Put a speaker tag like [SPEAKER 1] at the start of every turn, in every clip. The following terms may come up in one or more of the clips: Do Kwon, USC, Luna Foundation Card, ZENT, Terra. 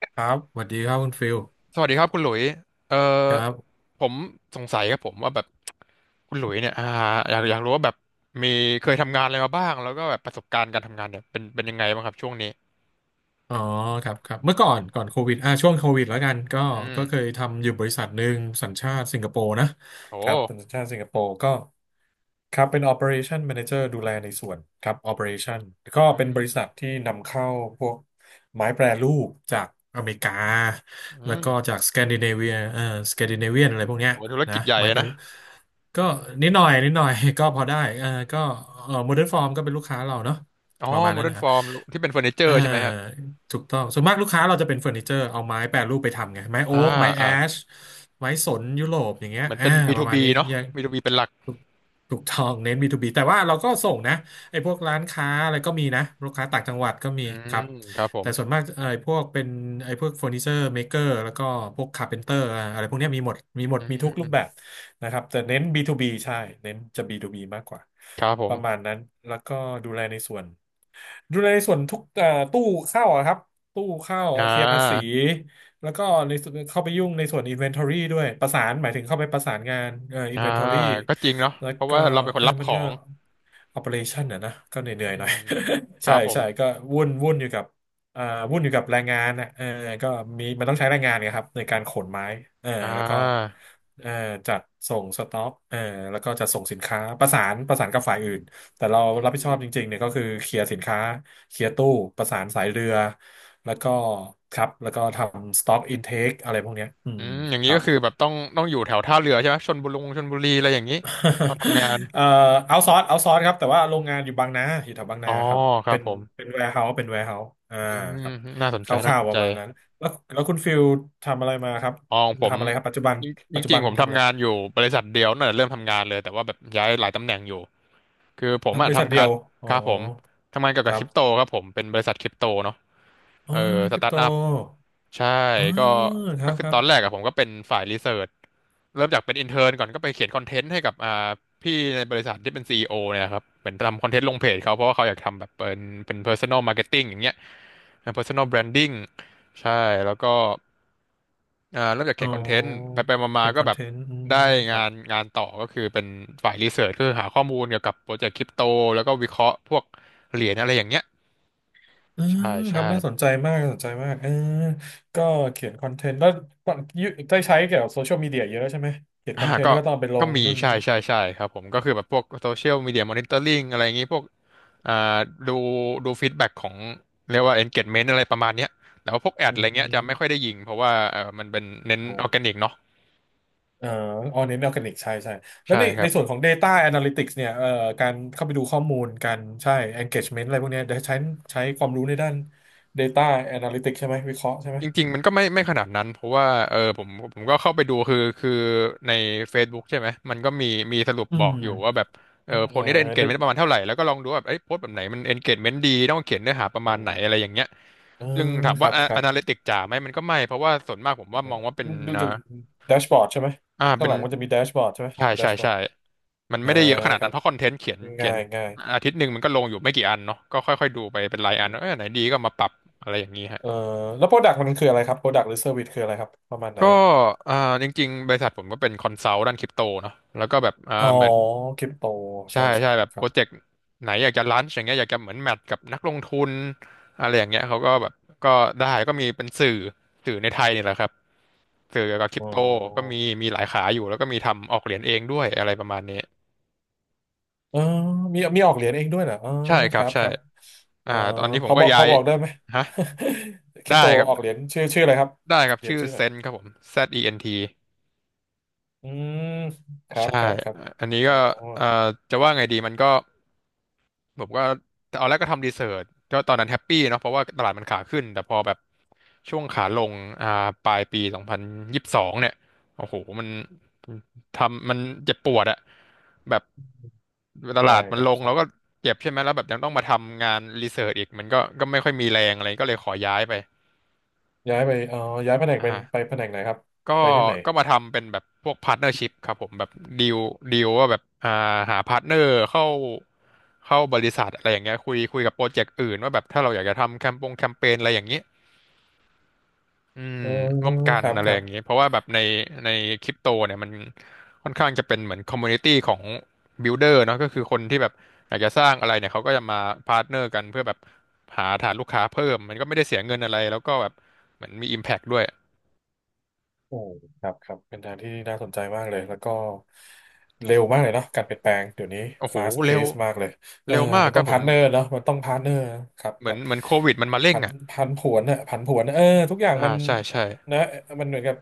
[SPEAKER 1] ครับสวัสดีครับคุณฟิล
[SPEAKER 2] สวัสดีครับคุณหลุยเอ่
[SPEAKER 1] ค
[SPEAKER 2] อ
[SPEAKER 1] รับ
[SPEAKER 2] ผมสงสัยครับผมว่าแบบคุณหลุยเนี่ยอยากรู้ว่าแบบมีเคยทำงานอะไรมาบ้างแล้วก็แบบประสบการณ์การทำงานเนี่ยเป็นยังไงบ้างครับช่วงนี้
[SPEAKER 1] อ๋อ ครับ ครับ เมื่อก่อนโควิดช่วงโควิดแล้วกัน ก็
[SPEAKER 2] อืม
[SPEAKER 1] ก็เคยทำอยู่บริษัทหนึ่งสัญชาติสิงคโปร์นะ ครับ
[SPEAKER 2] โห
[SPEAKER 1] เป็นสัญชาติสิงคโปร์ก็ ครับเป็น Operation Manager ดูแลในส่วนครับ Operation ก็
[SPEAKER 2] อื
[SPEAKER 1] เป็นบ
[SPEAKER 2] ม
[SPEAKER 1] ริษัทที่นำเข้าพวกไม้แปรรูปจากอเมริกา
[SPEAKER 2] อื
[SPEAKER 1] แล้วก็
[SPEAKER 2] ม
[SPEAKER 1] จากสแกนดิเนเวียสแกนดิเนเวียนอะไรพวกเนี้ย
[SPEAKER 2] โหธุร
[SPEAKER 1] นะ
[SPEAKER 2] กิจใหญ่
[SPEAKER 1] ไม้
[SPEAKER 2] อะ
[SPEAKER 1] แปร
[SPEAKER 2] นะ
[SPEAKER 1] รูปก็นิดหน่อยนิดหน่อย ก็พอได้เออก็เออโมเดิร์นฟอร์มก็เป็นลูกค้าเราเนาะ
[SPEAKER 2] อ๋อ
[SPEAKER 1] ประ
[SPEAKER 2] ม
[SPEAKER 1] มาณนั้นแห
[SPEAKER 2] เร์น
[SPEAKER 1] ละค
[SPEAKER 2] ฟ
[SPEAKER 1] รับ
[SPEAKER 2] อร์มที่เป็นเฟอร์นิเจอ
[SPEAKER 1] เออ
[SPEAKER 2] ร์ใช่ไหมฮะ
[SPEAKER 1] ถูกต้องส่วนมากลูกค้าเราจะเป็นเฟอร์นิเจอร์เอาไม้แปรรูปไปทำไงไม้โอ๊
[SPEAKER 2] อ่า
[SPEAKER 1] กไม้แอ
[SPEAKER 2] อ่า
[SPEAKER 1] ชไม้สนยุโรปอย่างเงี้ย
[SPEAKER 2] เหมือนเป็น
[SPEAKER 1] ประมาณ
[SPEAKER 2] B2B
[SPEAKER 1] นี้
[SPEAKER 2] เนาะบีทูบีเป็นหลัก
[SPEAKER 1] ถูกถูกต้องเน้น B2B แต่ว่าเราก็ส่งนะไอ้พวกร้านค้าอะไรก็มีนะลูกค้าต่างจังหวัดก็มี
[SPEAKER 2] อื
[SPEAKER 1] ค
[SPEAKER 2] ม
[SPEAKER 1] รับ
[SPEAKER 2] ครับผ
[SPEAKER 1] แต่
[SPEAKER 2] ม
[SPEAKER 1] ส่วนมากไอ้พวกเป็นไอ้พวกเฟอร์นิเจอร์เมเกอร์แล้วก็พวกคาร์เพนเตอร์อะไรพวกเนี้ยมีหมดมีหมด
[SPEAKER 2] อื
[SPEAKER 1] มีทุกรูป
[SPEAKER 2] ม
[SPEAKER 1] แบบนะครับแต่เน้น B2B ใช่เน้นจะ B2B มากกว่า
[SPEAKER 2] ครับผ
[SPEAKER 1] ป
[SPEAKER 2] ม
[SPEAKER 1] ระมาณนั้นแล้วก็ดูแลในส่วน ดูในส่วนทุกตู้เข้าอะครับตู้เข้า
[SPEAKER 2] อ่
[SPEAKER 1] เคลียร์ภาษี
[SPEAKER 2] า
[SPEAKER 1] แล้วก็ในส่วนเข้าไปยุ่งในส่วน Inventory ด้วยประสานหมายถึงเข้าไปประสานงาน
[SPEAKER 2] อ่า
[SPEAKER 1] Inventory
[SPEAKER 2] ก็จริงเนาะ
[SPEAKER 1] แล้ว
[SPEAKER 2] เพราะ
[SPEAKER 1] ก็
[SPEAKER 2] ว่าเราเป็นค
[SPEAKER 1] เอ
[SPEAKER 2] น
[SPEAKER 1] อ
[SPEAKER 2] รับ
[SPEAKER 1] มั
[SPEAKER 2] ข
[SPEAKER 1] น
[SPEAKER 2] อ
[SPEAKER 1] ก็
[SPEAKER 2] ง
[SPEAKER 1] Operation นะก็เหนื่
[SPEAKER 2] อื
[SPEAKER 1] อยๆหน่อย
[SPEAKER 2] ม ค
[SPEAKER 1] ใช่
[SPEAKER 2] รับผม
[SPEAKER 1] ใช่ก็วุ่นอยู่กับเอ่อวุ่นอยู่กับแรงงานนะเออก็มีมันต้องใช้แรงงานนะครับในการขนไม้เออ
[SPEAKER 2] อ่
[SPEAKER 1] แล้วก็
[SPEAKER 2] า
[SPEAKER 1] เออจัดส่งสต็อกเออแล้วก็จัดส่งสินค้าประสานกับฝ่ายอื่น แต่เรารับผิดชอบจริงๆเนี่ยก็คือเคลียร์สินค้าเคลียร์ตู้ประสานสายเรือแล้วก็ครับแล้วก็ทำ stock intake อะไรพวกเนี้ยอื
[SPEAKER 2] อื
[SPEAKER 1] ม
[SPEAKER 2] มอย่าง
[SPEAKER 1] ค
[SPEAKER 2] นี้
[SPEAKER 1] รั
[SPEAKER 2] ก็
[SPEAKER 1] บ
[SPEAKER 2] คือแบบต้องอยู่แถวท่าเรือใช่ไหมชลบุรีอะไรอย่างนี้ตอนทำงาน
[SPEAKER 1] เอ่อเอาซอร์สครับแต่ว่าโรงงานอยู่บางนาอยู่แถวบาง
[SPEAKER 2] อ๋อ
[SPEAKER 1] นาครับ
[SPEAKER 2] ครั
[SPEAKER 1] เป็
[SPEAKER 2] บ
[SPEAKER 1] น
[SPEAKER 2] ผม
[SPEAKER 1] เป็นแวร์เฮาส์เป็นแวร์เฮาส์อ่า
[SPEAKER 2] อืม
[SPEAKER 1] ครับ
[SPEAKER 2] น่าสน
[SPEAKER 1] ค
[SPEAKER 2] ใจน่า
[SPEAKER 1] ร่า
[SPEAKER 2] ส
[SPEAKER 1] ว
[SPEAKER 2] น
[SPEAKER 1] ๆป
[SPEAKER 2] ใจ
[SPEAKER 1] ระมาณนั้นแล้วคุณฟิลทำอะไรมาครับ
[SPEAKER 2] อ๋อของผม
[SPEAKER 1] ทำอะไรครับปัจจุบัน
[SPEAKER 2] จ
[SPEAKER 1] ปั
[SPEAKER 2] ริ
[SPEAKER 1] จ
[SPEAKER 2] ง
[SPEAKER 1] จุ
[SPEAKER 2] จริ
[SPEAKER 1] บั
[SPEAKER 2] ง
[SPEAKER 1] น
[SPEAKER 2] ๆผม
[SPEAKER 1] ทำอะไร
[SPEAKER 2] ทำงานอยู่บริษัทเดียวน่ะเริ่มทำงานเลยแต่ว่าแบบย้ายหลายตำแหน่งอยู่คือผม
[SPEAKER 1] ทำบ
[SPEAKER 2] อะ
[SPEAKER 1] ริษัท
[SPEAKER 2] ทำ
[SPEAKER 1] เดี
[SPEAKER 2] งา
[SPEAKER 1] ย
[SPEAKER 2] น
[SPEAKER 1] วอ๋อ
[SPEAKER 2] ครับผมทำงานเกี่ยว
[SPEAKER 1] ค
[SPEAKER 2] กับ
[SPEAKER 1] รั
[SPEAKER 2] ค
[SPEAKER 1] บ
[SPEAKER 2] ริปโตครับผมเป็นบริษัทคริปโตเนาะ
[SPEAKER 1] อ๋อ
[SPEAKER 2] เออส
[SPEAKER 1] คริป
[SPEAKER 2] ตาร์
[SPEAKER 1] โต
[SPEAKER 2] ทอัพใช่
[SPEAKER 1] อ๋อ
[SPEAKER 2] ก็
[SPEAKER 1] ค
[SPEAKER 2] ก็
[SPEAKER 1] รับ
[SPEAKER 2] คื
[SPEAKER 1] ค
[SPEAKER 2] อ
[SPEAKER 1] รั
[SPEAKER 2] ต
[SPEAKER 1] บ
[SPEAKER 2] อนแรกอะผมก็เป็นฝ่ายรีเสิร์ชเริ่มจากเป็นอินเทอร์นก่อนก็ไปเขียนคอนเทนต์ให้กับพี่ในบริษัทที่เป็นซีอีโอเนี่ยครับเป็นทำคอนเทนต์ลงเพจเขาเพราะว่าเขาอยากทำแบบเป็น personal marketing อย่างเงี้ยเป็น personal branding ใช่แล้วก็เริ่มจากเขี
[SPEAKER 1] อ๋อ
[SPEAKER 2] ยนคอนเทนต์ไปมามา
[SPEAKER 1] เขียน
[SPEAKER 2] ๆก็
[SPEAKER 1] คอน
[SPEAKER 2] แบ
[SPEAKER 1] เท
[SPEAKER 2] บ
[SPEAKER 1] นต์อืม
[SPEAKER 2] ได้
[SPEAKER 1] ค
[SPEAKER 2] งา
[SPEAKER 1] รับ
[SPEAKER 2] นงานต่อก็คือเป็นฝ่ายรีเสิร์ชก็คือหาข้อมูลเกี่ยวกับโปรเจกต์คริปโตแล้วก็วิเคราะห์พวกเหรียญอะไรอย่างเงี้ย
[SPEAKER 1] อืม
[SPEAKER 2] ใช่
[SPEAKER 1] ค
[SPEAKER 2] ใช่
[SPEAKER 1] รับน่าสนใจมากน่าสนใจมากเออก็เขียนคอนเทนต์แล้วก่อนยุได้ใช้เกี่ยวกับโซเชียลมีเดียเยอะแล้วใช่ไหมเขียนค
[SPEAKER 2] อ่า
[SPEAKER 1] อนเทนต์
[SPEAKER 2] ก็
[SPEAKER 1] แล้วก็ต้องเอาไปล
[SPEAKER 2] ก็
[SPEAKER 1] ง
[SPEAKER 2] มี
[SPEAKER 1] นู่น
[SPEAKER 2] ใช่
[SPEAKER 1] นี่
[SPEAKER 2] ใช่ใช่ครับผมก็คือแบบพวกโซเชียลมีเดียมอนิเตอร์ลิงอะไรอย่างงี้พวกอ่าดูดูฟีดแบ็กของเรียกว่า engagement อะไรประมาณเนี้ยแต่ว่าพวกแอด
[SPEAKER 1] อื
[SPEAKER 2] อะไรเงี้ยจะไม่ค่อย
[SPEAKER 1] ม
[SPEAKER 2] ได้ยิงเพราะว่าเออมันเป็นเน้น
[SPEAKER 1] โอ้
[SPEAKER 2] ออร์แกนิกเนาะ
[SPEAKER 1] เอ่อออเน้นออร์แกนิกใช่ใช่แล้ว
[SPEAKER 2] ใช่ค
[SPEAKER 1] ใน
[SPEAKER 2] รับ
[SPEAKER 1] ส่วนของ Data Analytics เนี่ยการเข้าไปดูข้อมูลการใช่ engagement อะไรพวกเนี้ยเดี๋ยวใช้ใช้ความรู้ในด้าน Data Analytics ใช่ไหมวิเคราะห์ใช่ไหม
[SPEAKER 2] จริงๆมันก็ไม่ขนาดนั้นเพราะว่าเออผมก็เข้าไปดูคือใน Facebook ใช่ไหมมันก็มีมีสรุป
[SPEAKER 1] อื
[SPEAKER 2] บอ
[SPEAKER 1] ม
[SPEAKER 2] กอยู่ว่าแบบเอ
[SPEAKER 1] เอ่
[SPEAKER 2] อโพสต์นี้ได้
[SPEAKER 1] อ
[SPEAKER 2] engagement ประมาณเท่าไหร่แล้วก็ลองดูว่าแบบเอ้ยโพสต์แบบไหนมัน engagement ดีต้องเขียนเนื้อหาประ
[SPEAKER 1] อื
[SPEAKER 2] มาณไหนอะไรอ
[SPEAKER 1] ม
[SPEAKER 2] ย่างเงี้ย
[SPEAKER 1] เออ
[SPEAKER 2] ซึ่งถาม
[SPEAKER 1] ค
[SPEAKER 2] ว่า
[SPEAKER 1] รับครั
[SPEAKER 2] อ
[SPEAKER 1] บ
[SPEAKER 2] นาลิติกจ๋าไหมมันก็ไม่เพราะว่าส่วนมากผมว่ามองว่าเป็น
[SPEAKER 1] ดู
[SPEAKER 2] อ่า
[SPEAKER 1] จากแดชบอร์ดใช่ไหม
[SPEAKER 2] อ่า
[SPEAKER 1] ข้า
[SPEAKER 2] เป็
[SPEAKER 1] งห
[SPEAKER 2] น
[SPEAKER 1] ลังมันจะมีแดชบอร์ดใช่ไหม
[SPEAKER 2] ใช่
[SPEAKER 1] แด
[SPEAKER 2] ใช่
[SPEAKER 1] ชบอ
[SPEAKER 2] ใช่
[SPEAKER 1] ร์ด
[SPEAKER 2] มัน
[SPEAKER 1] อ่า
[SPEAKER 2] ไม่ได้เยอะขนาด
[SPEAKER 1] ค
[SPEAKER 2] นั้
[SPEAKER 1] รั
[SPEAKER 2] น
[SPEAKER 1] บ
[SPEAKER 2] เพราะคอนเทนต์เขียนเขี
[SPEAKER 1] ง่า
[SPEAKER 2] ยน
[SPEAKER 1] ยง่าย
[SPEAKER 2] อาทิตย์หนึ่งมันก็ลงอยู่ไม่กี่อันเนาะก็ค่อยๆดูไปเป็นรายอันว่าเออไหนดีก็มาปรับอะไรอย่างนี้ฮะ
[SPEAKER 1] เอ่อแล้วโปรดักต์มันคืออะไรครับโปรดักต์หรือเซอร์วิสคืออะไรครับประมาณไหน
[SPEAKER 2] ก็
[SPEAKER 1] อะ
[SPEAKER 2] อ่าจริงๆบริษัทผมก็เป็นคอนซัลท์ด้านคริปโตเนาะแล้วก็แบบ
[SPEAKER 1] อ๋อ
[SPEAKER 2] เหมือน
[SPEAKER 1] คริปโตใช่
[SPEAKER 2] ใช่
[SPEAKER 1] ใช่
[SPEAKER 2] ใช่แบบ
[SPEAKER 1] ค
[SPEAKER 2] โป
[SPEAKER 1] รั
[SPEAKER 2] ร
[SPEAKER 1] บ
[SPEAKER 2] เจกต์ไหนอยากจะลันช์อย่างเงี้ยอยากจะเหมือนแมทกับนักลงทุนอะไรอย่างเงี้ยเขาก็แบบก็ได้ก็มีเป็นสื่อในไทยนี่แหละครับ สื่อกับคริ
[SPEAKER 1] อ๋
[SPEAKER 2] ปโตก็
[SPEAKER 1] อ
[SPEAKER 2] มีมีหลายขาอยู่แล้วก็มีทำออกเหรียญเองด้วยอะไรประมาณนี้
[SPEAKER 1] เออมีมีออกเหรียญเองด้วยเหรออ๋อ
[SPEAKER 2] ใช่ค
[SPEAKER 1] ค
[SPEAKER 2] รับ
[SPEAKER 1] รับ
[SPEAKER 2] ใช่
[SPEAKER 1] ครับเออ
[SPEAKER 2] ตอนนี้ผมก็
[SPEAKER 1] พ
[SPEAKER 2] ย้า
[SPEAKER 1] อ
[SPEAKER 2] ย
[SPEAKER 1] บอกได้ไหม
[SPEAKER 2] ฮะ
[SPEAKER 1] คริ
[SPEAKER 2] ได้
[SPEAKER 1] ปโต
[SPEAKER 2] ค รับ
[SPEAKER 1] ออกเหรียญชื่ออะไรครับ
[SPEAKER 2] ได้ครับ
[SPEAKER 1] เหรียญ
[SPEAKER 2] ชื่อ
[SPEAKER 1] ชื่ออะ
[SPEAKER 2] เซน
[SPEAKER 1] ไร
[SPEAKER 2] ครับผม ZENT
[SPEAKER 1] อืมครับ
[SPEAKER 2] ใช่
[SPEAKER 1] ครับครับ
[SPEAKER 2] อันนี้
[SPEAKER 1] อ๋อ
[SPEAKER 2] ก็เอ่อจะว่าไงดีมันก็ ผมก็ตอนแรกก็ทำรีเสิร์ชก็ตอนนั้นแฮปปี้เนาะเพราะว่าตลาดมันขาขึ้นแต่พอแบบช่วงขาลงอ่าปลายปี2022เนี่ยโอ้โหมันทำมันเจ็บปวดอะแบบต
[SPEAKER 1] ได้
[SPEAKER 2] ลาดมั
[SPEAKER 1] ค
[SPEAKER 2] น
[SPEAKER 1] รั
[SPEAKER 2] ลงแล้วก็
[SPEAKER 1] บ
[SPEAKER 2] เจ็บใช่ไหมแล้วแบบยังต้องมาทำงานรีเสิร์ชอีกมันก็ก็ไม่ค่อยมีแรงอะไรก็เลยขอย้ายไป
[SPEAKER 1] ย้ายไปเอ๋อย้ายแผนกเป็นไป
[SPEAKER 2] อ่า
[SPEAKER 1] แผนกไหนครับ
[SPEAKER 2] ก็
[SPEAKER 1] ไปที่ไหน
[SPEAKER 2] ก็มาทำเป็นแบบพวกพาร์ n เนอร์ชิพครับผมแบบดีลดีลว่าแบบหาพาร์ n เนอร์เข้า เข้าบริษัทอะไรอย่างเงี้ยคุยกับโปรเจกต์อื่นว่าแบบถ้าเราอยากจะทำแคมเปญอะไรอย่างเงี้ยอืม
[SPEAKER 1] อ๋อ
[SPEAKER 2] ร่วมกั
[SPEAKER 1] ค
[SPEAKER 2] น
[SPEAKER 1] รับ
[SPEAKER 2] อะไร
[SPEAKER 1] ครั
[SPEAKER 2] อย่างเงี้ย
[SPEAKER 1] บ
[SPEAKER 2] เพราะว่าแบบในคริปโตเนี่ยมันค่อนข้างจะเป็นเหมือนคอมมูนิตี้ของบิลเดอร์เนาะก็คือคนที่แบบอยากจะสร้างอะไรเนี่ยเขาก็จะมาพาร์ n เนอร์กันเพื่อแบบหาฐานลูกค้าเพิ่มมันก็ไม่ได้เสียเงินอะไรแล้วก็แบบเหมือนมี Impact ด้วย
[SPEAKER 1] โอ้ครับครับเป็นทางที่น่าสนใจมากเลย แล้วก็เร็วมากเลยเนาะการเปลี่ยนแปลงเดี๋ยวนี้
[SPEAKER 2] โอ้โห
[SPEAKER 1] fast
[SPEAKER 2] เร็ว
[SPEAKER 1] pace มากเลยเออ
[SPEAKER 2] เร็วมาก
[SPEAKER 1] มัน
[SPEAKER 2] ค
[SPEAKER 1] ต้
[SPEAKER 2] รั
[SPEAKER 1] อง
[SPEAKER 2] บผ
[SPEAKER 1] พาร์
[SPEAKER 2] ม
[SPEAKER 1] ทเนอร์เนาะมันต้องพาร์ทเนอร์ครับ
[SPEAKER 2] เห
[SPEAKER 1] ค
[SPEAKER 2] มือ
[SPEAKER 1] รั
[SPEAKER 2] น
[SPEAKER 1] บ
[SPEAKER 2] เหมือนโควิดมันมาเร่ง
[SPEAKER 1] พัน
[SPEAKER 2] อ่ะ
[SPEAKER 1] พันผวนอะผันผวนเออทุกอย่าง
[SPEAKER 2] อ่า
[SPEAKER 1] มัน
[SPEAKER 2] ใช่ใช่
[SPEAKER 1] นะมันเหมือนกับ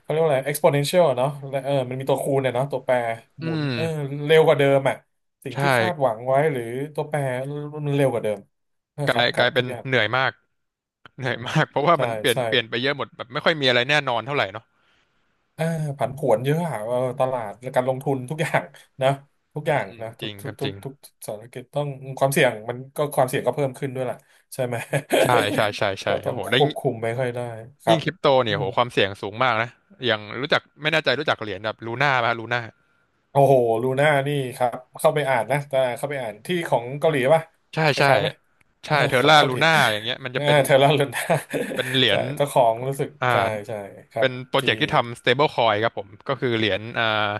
[SPEAKER 1] เขาเรียกว่าอะไร exponential อะเนาะและเออมันมีตัวคูณเนี่ยเนาะตัวแปร
[SPEAKER 2] อื
[SPEAKER 1] หมุน
[SPEAKER 2] ม
[SPEAKER 1] เออเร็วกว่าเดิมอะสิ่ง
[SPEAKER 2] ใช่
[SPEAKER 1] ที่คาดหวังไว้หรือตัวแปรมันเร็วกว่าเดิมนะ
[SPEAKER 2] ก
[SPEAKER 1] ครั
[SPEAKER 2] ลา
[SPEAKER 1] บ
[SPEAKER 2] ย
[SPEAKER 1] ค
[SPEAKER 2] ก
[SPEAKER 1] รั
[SPEAKER 2] ลา
[SPEAKER 1] บ
[SPEAKER 2] ยเป็
[SPEAKER 1] ทุ
[SPEAKER 2] น
[SPEAKER 1] กอย่าง
[SPEAKER 2] เหนื่อยมากเห
[SPEAKER 1] อื
[SPEAKER 2] นื่อย
[SPEAKER 1] ม
[SPEAKER 2] มากเพราะว่า
[SPEAKER 1] ใช่
[SPEAKER 2] มันเปลี่ยน
[SPEAKER 1] ใช่
[SPEAKER 2] เปลี่ยนไปเยอะหมดแบบไม่ค่อยมีอะไรแน่นอนเท่าไหร่เนาะ
[SPEAKER 1] อ่าผันผวนเยอะอะเออตลาดและการลงทุนทุกอย่างนะ ทุก
[SPEAKER 2] อื
[SPEAKER 1] อย่า
[SPEAKER 2] ม
[SPEAKER 1] ง
[SPEAKER 2] อืม
[SPEAKER 1] นะ
[SPEAKER 2] จ
[SPEAKER 1] ทุ
[SPEAKER 2] ริ
[SPEAKER 1] ก
[SPEAKER 2] งค
[SPEAKER 1] ทุก
[SPEAKER 2] รับจ
[SPEAKER 1] ทุ
[SPEAKER 2] ริ
[SPEAKER 1] ก
[SPEAKER 2] ง
[SPEAKER 1] ทุกธุรกิจต้องความเสี่ยงก็เพิ่มขึ้นด้วยล่ะใช่ไหม
[SPEAKER 2] ใช่ใช่ใช่ ใช่
[SPEAKER 1] ก็ต้
[SPEAKER 2] โอ้
[SPEAKER 1] อง
[SPEAKER 2] โห
[SPEAKER 1] ค
[SPEAKER 2] แล้ว
[SPEAKER 1] ว
[SPEAKER 2] ยิ่ง
[SPEAKER 1] บคุมไม่ค่อยได้ครั
[SPEAKER 2] ยิ่
[SPEAKER 1] บ
[SPEAKER 2] งคริปโต
[SPEAKER 1] อื
[SPEAKER 2] เนี่ยโห
[SPEAKER 1] ม
[SPEAKER 2] ความเสี่ยงสูงมากนะอย่างรู้จักไม่แน่ใจรู้จักเหรียญแบบลูน่าไหมลูน่า
[SPEAKER 1] โอ้โหลูน่านี่ครับเข้าไปอ่านนะแต่เข้าไปอ่านที่ของเกาหลีป่ะ
[SPEAKER 2] ใช่
[SPEAKER 1] ค
[SPEAKER 2] ใช่
[SPEAKER 1] ล้ายๆไหมเออ
[SPEAKER 2] ใช่เท อ
[SPEAKER 1] ของ
[SPEAKER 2] ร่า
[SPEAKER 1] เกาห
[SPEAKER 2] ลู
[SPEAKER 1] ลี
[SPEAKER 2] น่าอย่างเงี้ยมัน
[SPEAKER 1] เอ
[SPEAKER 2] จะ
[SPEAKER 1] อ
[SPEAKER 2] เป็น
[SPEAKER 1] เทเลอร์ลูน่า
[SPEAKER 2] เป็นเหรี ย
[SPEAKER 1] ใช่
[SPEAKER 2] ญ
[SPEAKER 1] เจ้าของรู้สึก
[SPEAKER 2] อ่า
[SPEAKER 1] ใช่ใช่ครั
[SPEAKER 2] เป็
[SPEAKER 1] บ
[SPEAKER 2] นโปรเจ
[SPEAKER 1] ที่
[SPEAKER 2] กต์ที่ทำ stable coin ครับผมก็คือเหรียญอ่า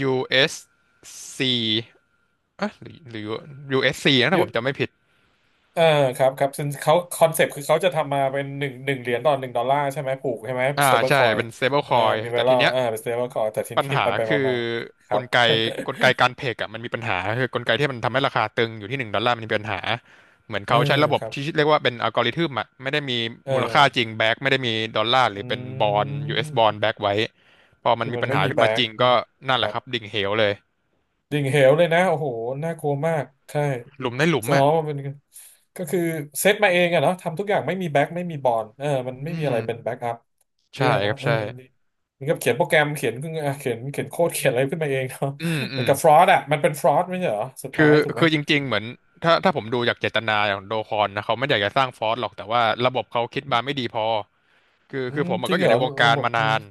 [SPEAKER 2] USC เอสซีเอ๊ะหรือหรือ USC นะถ้าผมจำไม่ผิด
[SPEAKER 1] อ่าครับครับซึ่งเขาคอนเซปต์คือเขาจะทำมาเป็นหนึ่งเหรียญต่อหนึ่งดอลลาร์ใช่ไหมผูกใช่ไหม
[SPEAKER 2] อ่า
[SPEAKER 1] สเตเบิลค
[SPEAKER 2] ใช่
[SPEAKER 1] อย
[SPEAKER 2] เป็น
[SPEAKER 1] เอ่อ
[SPEAKER 2] stablecoin
[SPEAKER 1] มีไว
[SPEAKER 2] แต่
[SPEAKER 1] รเล
[SPEAKER 2] ทีเนี้ย
[SPEAKER 1] อ่าเป็นสเตเบิลคอยแต่ที
[SPEAKER 2] ปัญ
[SPEAKER 1] นี้
[SPEAKER 2] หา
[SPEAKER 1] ไปไปมา
[SPEAKER 2] คือ
[SPEAKER 1] มาๆค
[SPEAKER 2] ก
[SPEAKER 1] รับ
[SPEAKER 2] ลไก กลไกการเพกอ่ะมันมีปัญหาคือกลไกที่มันทำให้ราคาตึงอยู่ที่หนึ่งดอลลาร์มันมีปัญหาเหมือน
[SPEAKER 1] เออ
[SPEAKER 2] เขาใช้ระบบ
[SPEAKER 1] ครับ
[SPEAKER 2] ที่เรียกว่าเป็นอัลกอริทึมอ่ะไม่ได้มี
[SPEAKER 1] เอ
[SPEAKER 2] มูลค่าจริง
[SPEAKER 1] อ
[SPEAKER 2] แบ็กไม่ได้มีดอลลาร์ห
[SPEAKER 1] อ
[SPEAKER 2] รือเป็นบ
[SPEAKER 1] ื
[SPEAKER 2] อล US บอล
[SPEAKER 1] ม
[SPEAKER 2] แบ็กไว้พอมัน
[SPEAKER 1] คือ
[SPEAKER 2] มี
[SPEAKER 1] มัน
[SPEAKER 2] ปัญ
[SPEAKER 1] ไม่
[SPEAKER 2] หา
[SPEAKER 1] มี
[SPEAKER 2] ขึ้น
[SPEAKER 1] แบ็
[SPEAKER 2] มาจ
[SPEAKER 1] ก
[SPEAKER 2] ริง
[SPEAKER 1] อื
[SPEAKER 2] ก็
[SPEAKER 1] ม
[SPEAKER 2] นั่น
[SPEAKER 1] ค
[SPEAKER 2] แห
[SPEAKER 1] รั
[SPEAKER 2] ละค
[SPEAKER 1] บ
[SPEAKER 2] รับดิ่งเหวเลย
[SPEAKER 1] ดิ่งเหวเลยนะโอ้โหน่ากลัวมากใช่
[SPEAKER 2] หลุมในหลุม
[SPEAKER 1] ซ้อ
[SPEAKER 2] อ่ะ
[SPEAKER 1] มมันเป็นก็คือเซตมาเองอะเนาะทำทุกอย่างไม่มีแบ็กไม่มีบอลเออมันไม่
[SPEAKER 2] อื
[SPEAKER 1] มี
[SPEAKER 2] ม
[SPEAKER 1] อะไรเป็นแบ็กอัพ
[SPEAKER 2] ใช่
[SPEAKER 1] แย่
[SPEAKER 2] ค
[SPEAKER 1] เนาะ
[SPEAKER 2] รับ
[SPEAKER 1] เออ
[SPEAKER 2] ใช่
[SPEAKER 1] อันนี่เหมือนกับเขียนโปรแกรมเขียนขึ้นอ่ะเขียนโค้ดเขียนอะไรขึ้นมาเองเนาะ
[SPEAKER 2] อืมอื
[SPEAKER 1] เหมือ
[SPEAKER 2] ม
[SPEAKER 1] นกับฟรอดอะมันเป็นฟรอดไม่ใช่เหรอสุด
[SPEAKER 2] คื
[SPEAKER 1] ท้า
[SPEAKER 2] อ
[SPEAKER 1] ยถูกไหม
[SPEAKER 2] คือจริงๆเหมือนถ้าถ้าผมดูจากเจตนาของโดคอนนะเขาไม่อยากจะสร้างฟอร์สหรอกแต่ว่าระบบเขาคิดมาไม่ดีพอคือ
[SPEAKER 1] อื
[SPEAKER 2] คือ
[SPEAKER 1] ม
[SPEAKER 2] ผม
[SPEAKER 1] จ
[SPEAKER 2] อะ
[SPEAKER 1] ริ
[SPEAKER 2] ก็
[SPEAKER 1] ง
[SPEAKER 2] อ
[SPEAKER 1] เห
[SPEAKER 2] ยู่
[SPEAKER 1] ร
[SPEAKER 2] ใน
[SPEAKER 1] อ
[SPEAKER 2] วงกา
[SPEAKER 1] ระ
[SPEAKER 2] ร
[SPEAKER 1] บบ
[SPEAKER 2] มานาน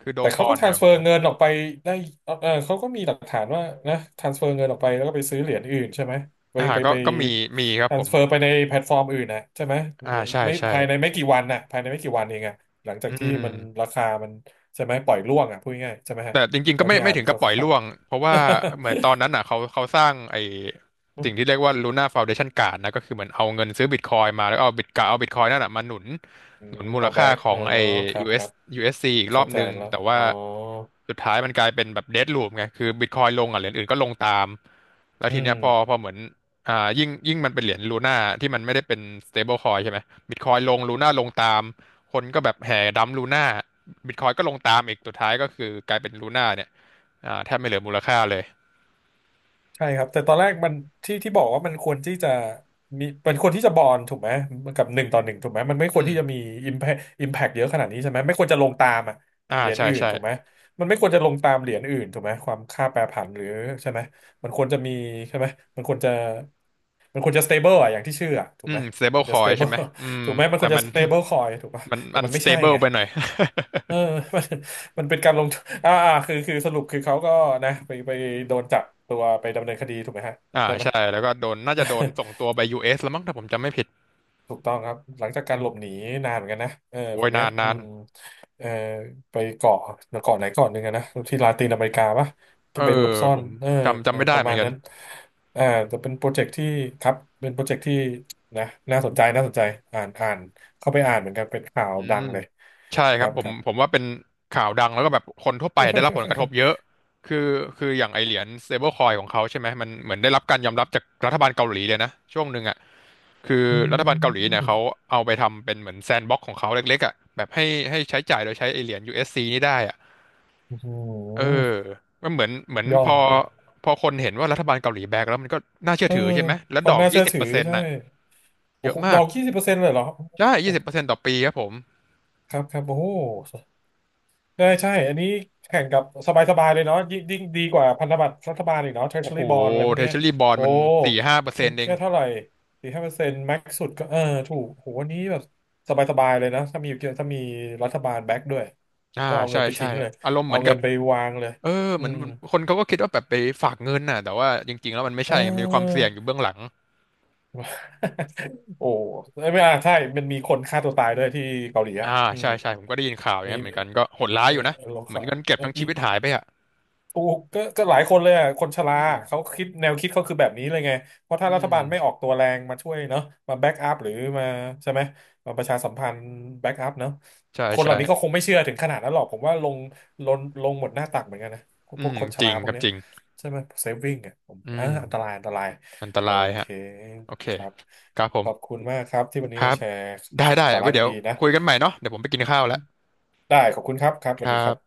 [SPEAKER 2] คือโด
[SPEAKER 1] แต่
[SPEAKER 2] ค
[SPEAKER 1] เขา
[SPEAKER 2] อ
[SPEAKER 1] ก็
[SPEAKER 2] นเนี่ยโห
[SPEAKER 1] transfer เงินออกไปได้เออเออเขาก็มีหลักฐานว่านะ transfer เงินออกไปแล้วก็ไปซื้อเหรียญอื่นใช่ไหมไป
[SPEAKER 2] อ่า
[SPEAKER 1] ไป
[SPEAKER 2] ก็
[SPEAKER 1] ไป
[SPEAKER 2] ก็มีมีครับผม
[SPEAKER 1] transfer ไปในแพลตฟอร์มอื่นนะใช่ไหม
[SPEAKER 2] อ่าใช่
[SPEAKER 1] ไม่
[SPEAKER 2] ใช่
[SPEAKER 1] ภายในไม่กี่วันนะภายในไม่กี่วันเองอะหลังจา
[SPEAKER 2] อื
[SPEAKER 1] กที่มัน
[SPEAKER 2] ม
[SPEAKER 1] ราคามันใช่ไหมปล่อยร่วงอะพูดง่ายๆใช่ไหมฮะ
[SPEAKER 2] แต่จริงๆก็
[SPEAKER 1] เท่า
[SPEAKER 2] ไม่
[SPEAKER 1] ที่
[SPEAKER 2] ไม่
[SPEAKER 1] อ่าน
[SPEAKER 2] ถึง
[SPEAKER 1] ค
[SPEAKER 2] กั
[SPEAKER 1] ร่
[SPEAKER 2] บปล่อย
[SPEAKER 1] าว
[SPEAKER 2] ร่วงเพราะว่าเหมือนตอนนั้นอ่ะเขาเขาสร้างไอ้
[SPEAKER 1] ๆ
[SPEAKER 2] สิ่งที่เรียกว่า Luna Foundation Card นะก็คือเหมือนเอาเงินซื้อบิตคอยมาแล้วเอาบิตกะเอาบิตคอยนั่นอ่ะมาหนุนหนุนมูล
[SPEAKER 1] า
[SPEAKER 2] ค่า
[SPEAKER 1] แบ็ก
[SPEAKER 2] ขอ
[SPEAKER 1] เอ
[SPEAKER 2] ง
[SPEAKER 1] อ
[SPEAKER 2] ไอ้
[SPEAKER 1] ครับค
[SPEAKER 2] US
[SPEAKER 1] รับ
[SPEAKER 2] USC อสยูเอสซีอีกรอ
[SPEAKER 1] เข้า
[SPEAKER 2] บ
[SPEAKER 1] ใจ
[SPEAKER 2] นึง
[SPEAKER 1] แล้ว
[SPEAKER 2] แต่
[SPEAKER 1] อ๋
[SPEAKER 2] ว่า
[SPEAKER 1] อ
[SPEAKER 2] สุดท้ายมันกลายเป็นแบบเดดลูปไงคือบิตคอยลงอ่ะเหรียญอื่นก็ลงตามแล้ว
[SPEAKER 1] อื
[SPEAKER 2] ทีเนี้
[SPEAKER 1] ม
[SPEAKER 2] ยพอพอเหมือนอ่ายิ่งยิ่งมันเป็นเหรียญลูน่าที่มันไม่ได้เป็น stable coin ใช่ไหมบิตคอยลงลูน่าลงตามคนก็แบบแห่ดัมลูน่า บิตคอยก็ลงตามอีกสุดท้ายก็คือกลายเป็นลูน่าเนี่ยอ่าแทบไม่เหลือมูลค่าเลย
[SPEAKER 1] ใช่ครับแต่ตอนแรกมันที่บอกว่ามันควรที่จะมีมันควรที่จะบอนถูกไหมกับหนึ่งต่อหนึ่งถูกไหมมันไม่ค
[SPEAKER 2] อื
[SPEAKER 1] วร
[SPEAKER 2] ม
[SPEAKER 1] ที่จะมีอิมแพอิมแพกเยอะขนาดนี้ใช่ไหมไม่ควรจะลงตามอะ
[SPEAKER 2] อ่า
[SPEAKER 1] เหรียญ
[SPEAKER 2] ใช่
[SPEAKER 1] อื่น
[SPEAKER 2] ใช่
[SPEAKER 1] ถูกไหมมันไม่ควรจะลงตามเหรียญอื่นถูกไหมความค่าแปรผันหรือใช่ไหมมันควรจะมีใช่ไหมมันควรจะมันควรจะ stable อะอย่างที่ชื่ออะถู
[SPEAKER 2] อื
[SPEAKER 1] กไหม
[SPEAKER 2] ม
[SPEAKER 1] ค
[SPEAKER 2] stable
[SPEAKER 1] วรจะ
[SPEAKER 2] coin ใช่
[SPEAKER 1] stable
[SPEAKER 2] ไหมอืม
[SPEAKER 1] ถูกไหมมันค
[SPEAKER 2] แต่
[SPEAKER 1] วรจะ
[SPEAKER 2] มัน
[SPEAKER 1] stable coin ถูกปะ
[SPEAKER 2] มัน
[SPEAKER 1] แต่
[SPEAKER 2] มัน
[SPEAKER 1] มันไม่ใช่
[SPEAKER 2] stable
[SPEAKER 1] ไง
[SPEAKER 2] ไปหน่อย
[SPEAKER 1] เออ มันมันเป็นการลงทุนอ่าอ่าคือสรุปคือเขาก็นะไปโดนจับตัวไปดำเนินคดีถูกไหมฮะ
[SPEAKER 2] อ่า
[SPEAKER 1] ใช่ไหม
[SPEAKER 2] ใช่ แล้วก็โดนน่าจะโดนส่งตัวไป US แล้วมั้งถ้าผมจำไม่ผิด
[SPEAKER 1] ถูกต้องครับหลังจากการ
[SPEAKER 2] อื
[SPEAKER 1] หล
[SPEAKER 2] ม
[SPEAKER 1] บหนีนานเหมือนกันนะเออ
[SPEAKER 2] โอ้
[SPEAKER 1] ค
[SPEAKER 2] ย
[SPEAKER 1] นเนี้ย
[SPEAKER 2] นาน
[SPEAKER 1] อื
[SPEAKER 2] นาน
[SPEAKER 1] มเออไปเกาะเกาะไหนเกาะหนึ่งอะนะที่ลาตินอเมริกาปะ
[SPEAKER 2] เอ
[SPEAKER 1] จะ
[SPEAKER 2] อ
[SPEAKER 1] ไปหลบซ่อ
[SPEAKER 2] ผ
[SPEAKER 1] น
[SPEAKER 2] ม
[SPEAKER 1] เออ
[SPEAKER 2] จำจำไม่
[SPEAKER 1] ป
[SPEAKER 2] ได้
[SPEAKER 1] ระ
[SPEAKER 2] เหมือ
[SPEAKER 1] มา
[SPEAKER 2] น
[SPEAKER 1] ณ
[SPEAKER 2] กัน
[SPEAKER 1] นั้นอ่าแต่เป็นโปรเจกต์ที่ครับเป็นโปรเจกต์ที่นะน่าสนใจน่าสนใจอ่านเข้าไปอ่านเหมือนกันเป็นข่าว
[SPEAKER 2] อื
[SPEAKER 1] ดั
[SPEAKER 2] ม
[SPEAKER 1] งเลย
[SPEAKER 2] ใช่
[SPEAKER 1] ค
[SPEAKER 2] ครั
[SPEAKER 1] รั
[SPEAKER 2] บ
[SPEAKER 1] บ
[SPEAKER 2] ผ
[SPEAKER 1] ค
[SPEAKER 2] ม
[SPEAKER 1] รับ
[SPEAKER 2] ผมว่าเป็นข่าวดังแล้วก็แบบคนทั่วไปได้รับผลกระทบเย อะคือคืออย่างไอเหรียญ stablecoin ของเขาใช่ไหมมันเหมือนได้รับการยอมรับจากรัฐบาลเกาหลีเลยนะช่วงหนึ่งอ่ะคือ
[SPEAKER 1] อื
[SPEAKER 2] รัฐบาลเกาหลีเนี่ย
[SPEAKER 1] ม
[SPEAKER 2] เขาเอาไปทำเป็นเหมือนแซนด์บ็อกของเขาเล็กๆอ่ะแบบให้ให้ใช้จ่ายโดยใช้ไอเหรียญ USC นี่ได้อ่ะ
[SPEAKER 1] โอ้โห
[SPEAKER 2] เออมันเหมือนเหมือน
[SPEAKER 1] ยอ
[SPEAKER 2] พ
[SPEAKER 1] ม
[SPEAKER 2] อพอคนเห็นว่ารัฐบาลเกาหลีแบกแล้วมันก็น่าเชื่
[SPEAKER 1] เอ
[SPEAKER 2] อ
[SPEAKER 1] อ
[SPEAKER 2] ถือใช่ไหมแล้
[SPEAKER 1] ค
[SPEAKER 2] ว
[SPEAKER 1] วา
[SPEAKER 2] ด
[SPEAKER 1] ม
[SPEAKER 2] อก
[SPEAKER 1] น่า
[SPEAKER 2] ยี่
[SPEAKER 1] เชื่อ
[SPEAKER 2] สิบ
[SPEAKER 1] ถื
[SPEAKER 2] เป
[SPEAKER 1] อ
[SPEAKER 2] อร์เซ็นต์
[SPEAKER 1] ใช่
[SPEAKER 2] น่ะเย
[SPEAKER 1] โอ้
[SPEAKER 2] อะ
[SPEAKER 1] โหด
[SPEAKER 2] มา
[SPEAKER 1] อ
[SPEAKER 2] ก
[SPEAKER 1] ก20%เลยเหรอ
[SPEAKER 2] ใช่ยี่
[SPEAKER 1] โอ้
[SPEAKER 2] สิบ
[SPEAKER 1] โห
[SPEAKER 2] เปอร์เซ็นต์ต่อปีครับผม
[SPEAKER 1] ครับครับโอ้โหได้ใช่อันนี้แข่งกับสบายๆเลยเนาะยิ่งยิ่งดีกว่าพันธบัตรรัฐบาลอีกเนาะ
[SPEAKER 2] โอ้โห
[SPEAKER 1] Treasury Bond อะไรพวก
[SPEAKER 2] เท
[SPEAKER 1] เนี้ย
[SPEAKER 2] เชอลีบอล
[SPEAKER 1] โอ้
[SPEAKER 2] มันสี่ห้าเปอร์เซ็
[SPEAKER 1] มั
[SPEAKER 2] น
[SPEAKER 1] น
[SPEAKER 2] ต์เอง
[SPEAKER 1] แค่เท่าไหร่4-5%แม็กสุดก็เออถูกโหวันนี้แบบสบายๆเลยนะถ้ามีรัฐบาลแบ็กด้วยมั
[SPEAKER 2] อ่า
[SPEAKER 1] นก็เอา
[SPEAKER 2] ใช่
[SPEAKER 1] เงินไป
[SPEAKER 2] ใช่
[SPEAKER 1] ทิ้งเลย
[SPEAKER 2] อารมณ์เห
[SPEAKER 1] เอา
[SPEAKER 2] มือน
[SPEAKER 1] เงิ
[SPEAKER 2] กับ
[SPEAKER 1] นไปวางเลย
[SPEAKER 2] เออ
[SPEAKER 1] อื
[SPEAKER 2] เหมือน
[SPEAKER 1] ม
[SPEAKER 2] คนเขาก็คิดว่าแบบไปฝากเงินน่ะแต่ว่าจริงๆแล้วมันไม่
[SPEAKER 1] เอ
[SPEAKER 2] ใช่ไงมันมีความเสี่ยงอยู่
[SPEAKER 1] อ
[SPEAKER 2] เบื้องหลัง
[SPEAKER 1] โอ้ไม่อ่ะใช่มันมีคนฆ่าตัวตายด้วยที่เกาหลี
[SPEAKER 2] อ่า
[SPEAKER 1] อ่ะอื
[SPEAKER 2] ใช่
[SPEAKER 1] ม
[SPEAKER 2] ใช่ผมก็ได้ยินข่าวอย่าง
[SPEAKER 1] มี
[SPEAKER 2] เงี้ยเหมือนกันก็โหดร้าย
[SPEAKER 1] เออ
[SPEAKER 2] อยู่นะ
[SPEAKER 1] ลอง
[SPEAKER 2] เหมือน
[SPEAKER 1] เขา
[SPEAKER 2] เงินเก็บ
[SPEAKER 1] เออ
[SPEAKER 2] ทั้งชี
[SPEAKER 1] มี
[SPEAKER 2] วิตหายไปอ่ะ
[SPEAKER 1] ถูกก็ก็หลายคนเลยอ่ะคนช
[SPEAKER 2] อื
[SPEAKER 1] รา
[SPEAKER 2] ม
[SPEAKER 1] เขาคิดแนวคิดเขาคือแบบนี้เลยไงเพราะถ้า
[SPEAKER 2] อื
[SPEAKER 1] รัฐ
[SPEAKER 2] ม
[SPEAKER 1] บาลไม่ออกตัวแรงมาช่วยเนาะมาแบ็กอัพหรือมาใช่ไหมมาประชาสัมพันธ์แบ็กอัพเนาะ
[SPEAKER 2] ใช่
[SPEAKER 1] คนเหล่านี้ก็ค
[SPEAKER 2] ใช่
[SPEAKER 1] งไม่เชื่อถึงขนาดนั้นหรอกผมว่าลงลงหมดหน้าตักเหมือนกันนะพ
[SPEAKER 2] อื
[SPEAKER 1] วก
[SPEAKER 2] ม
[SPEAKER 1] คนช
[SPEAKER 2] จริ
[SPEAKER 1] รา
[SPEAKER 2] ง
[SPEAKER 1] พ
[SPEAKER 2] ค
[SPEAKER 1] วก
[SPEAKER 2] รับ
[SPEAKER 1] เนี้
[SPEAKER 2] จ
[SPEAKER 1] ย
[SPEAKER 2] ริง
[SPEAKER 1] ใช่ไหมเซฟวิ่งอ่ะผม
[SPEAKER 2] อื
[SPEAKER 1] อ่า
[SPEAKER 2] ม
[SPEAKER 1] อันตราย
[SPEAKER 2] อันต
[SPEAKER 1] โอ
[SPEAKER 2] ราย
[SPEAKER 1] เค
[SPEAKER 2] ฮะโอเค
[SPEAKER 1] ครับ
[SPEAKER 2] ครับผ
[SPEAKER 1] ข
[SPEAKER 2] ม
[SPEAKER 1] อบคุณมากครับที่วัน
[SPEAKER 2] ค
[SPEAKER 1] นี้
[SPEAKER 2] รั
[SPEAKER 1] มา
[SPEAKER 2] บ
[SPEAKER 1] แชร์
[SPEAKER 2] ได้
[SPEAKER 1] ส
[SPEAKER 2] ได้
[SPEAKER 1] าระ
[SPEAKER 2] ไว้เดี๋ยว
[SPEAKER 1] ดีๆนะ
[SPEAKER 2] คุยกันใหม่เนาะเดี๋ยวผมไปกินข้าวแล้ว
[SPEAKER 1] ได้ขอบคุณครับครับ
[SPEAKER 2] ค
[SPEAKER 1] สวัส
[SPEAKER 2] รั
[SPEAKER 1] ดีครั
[SPEAKER 2] บ
[SPEAKER 1] บ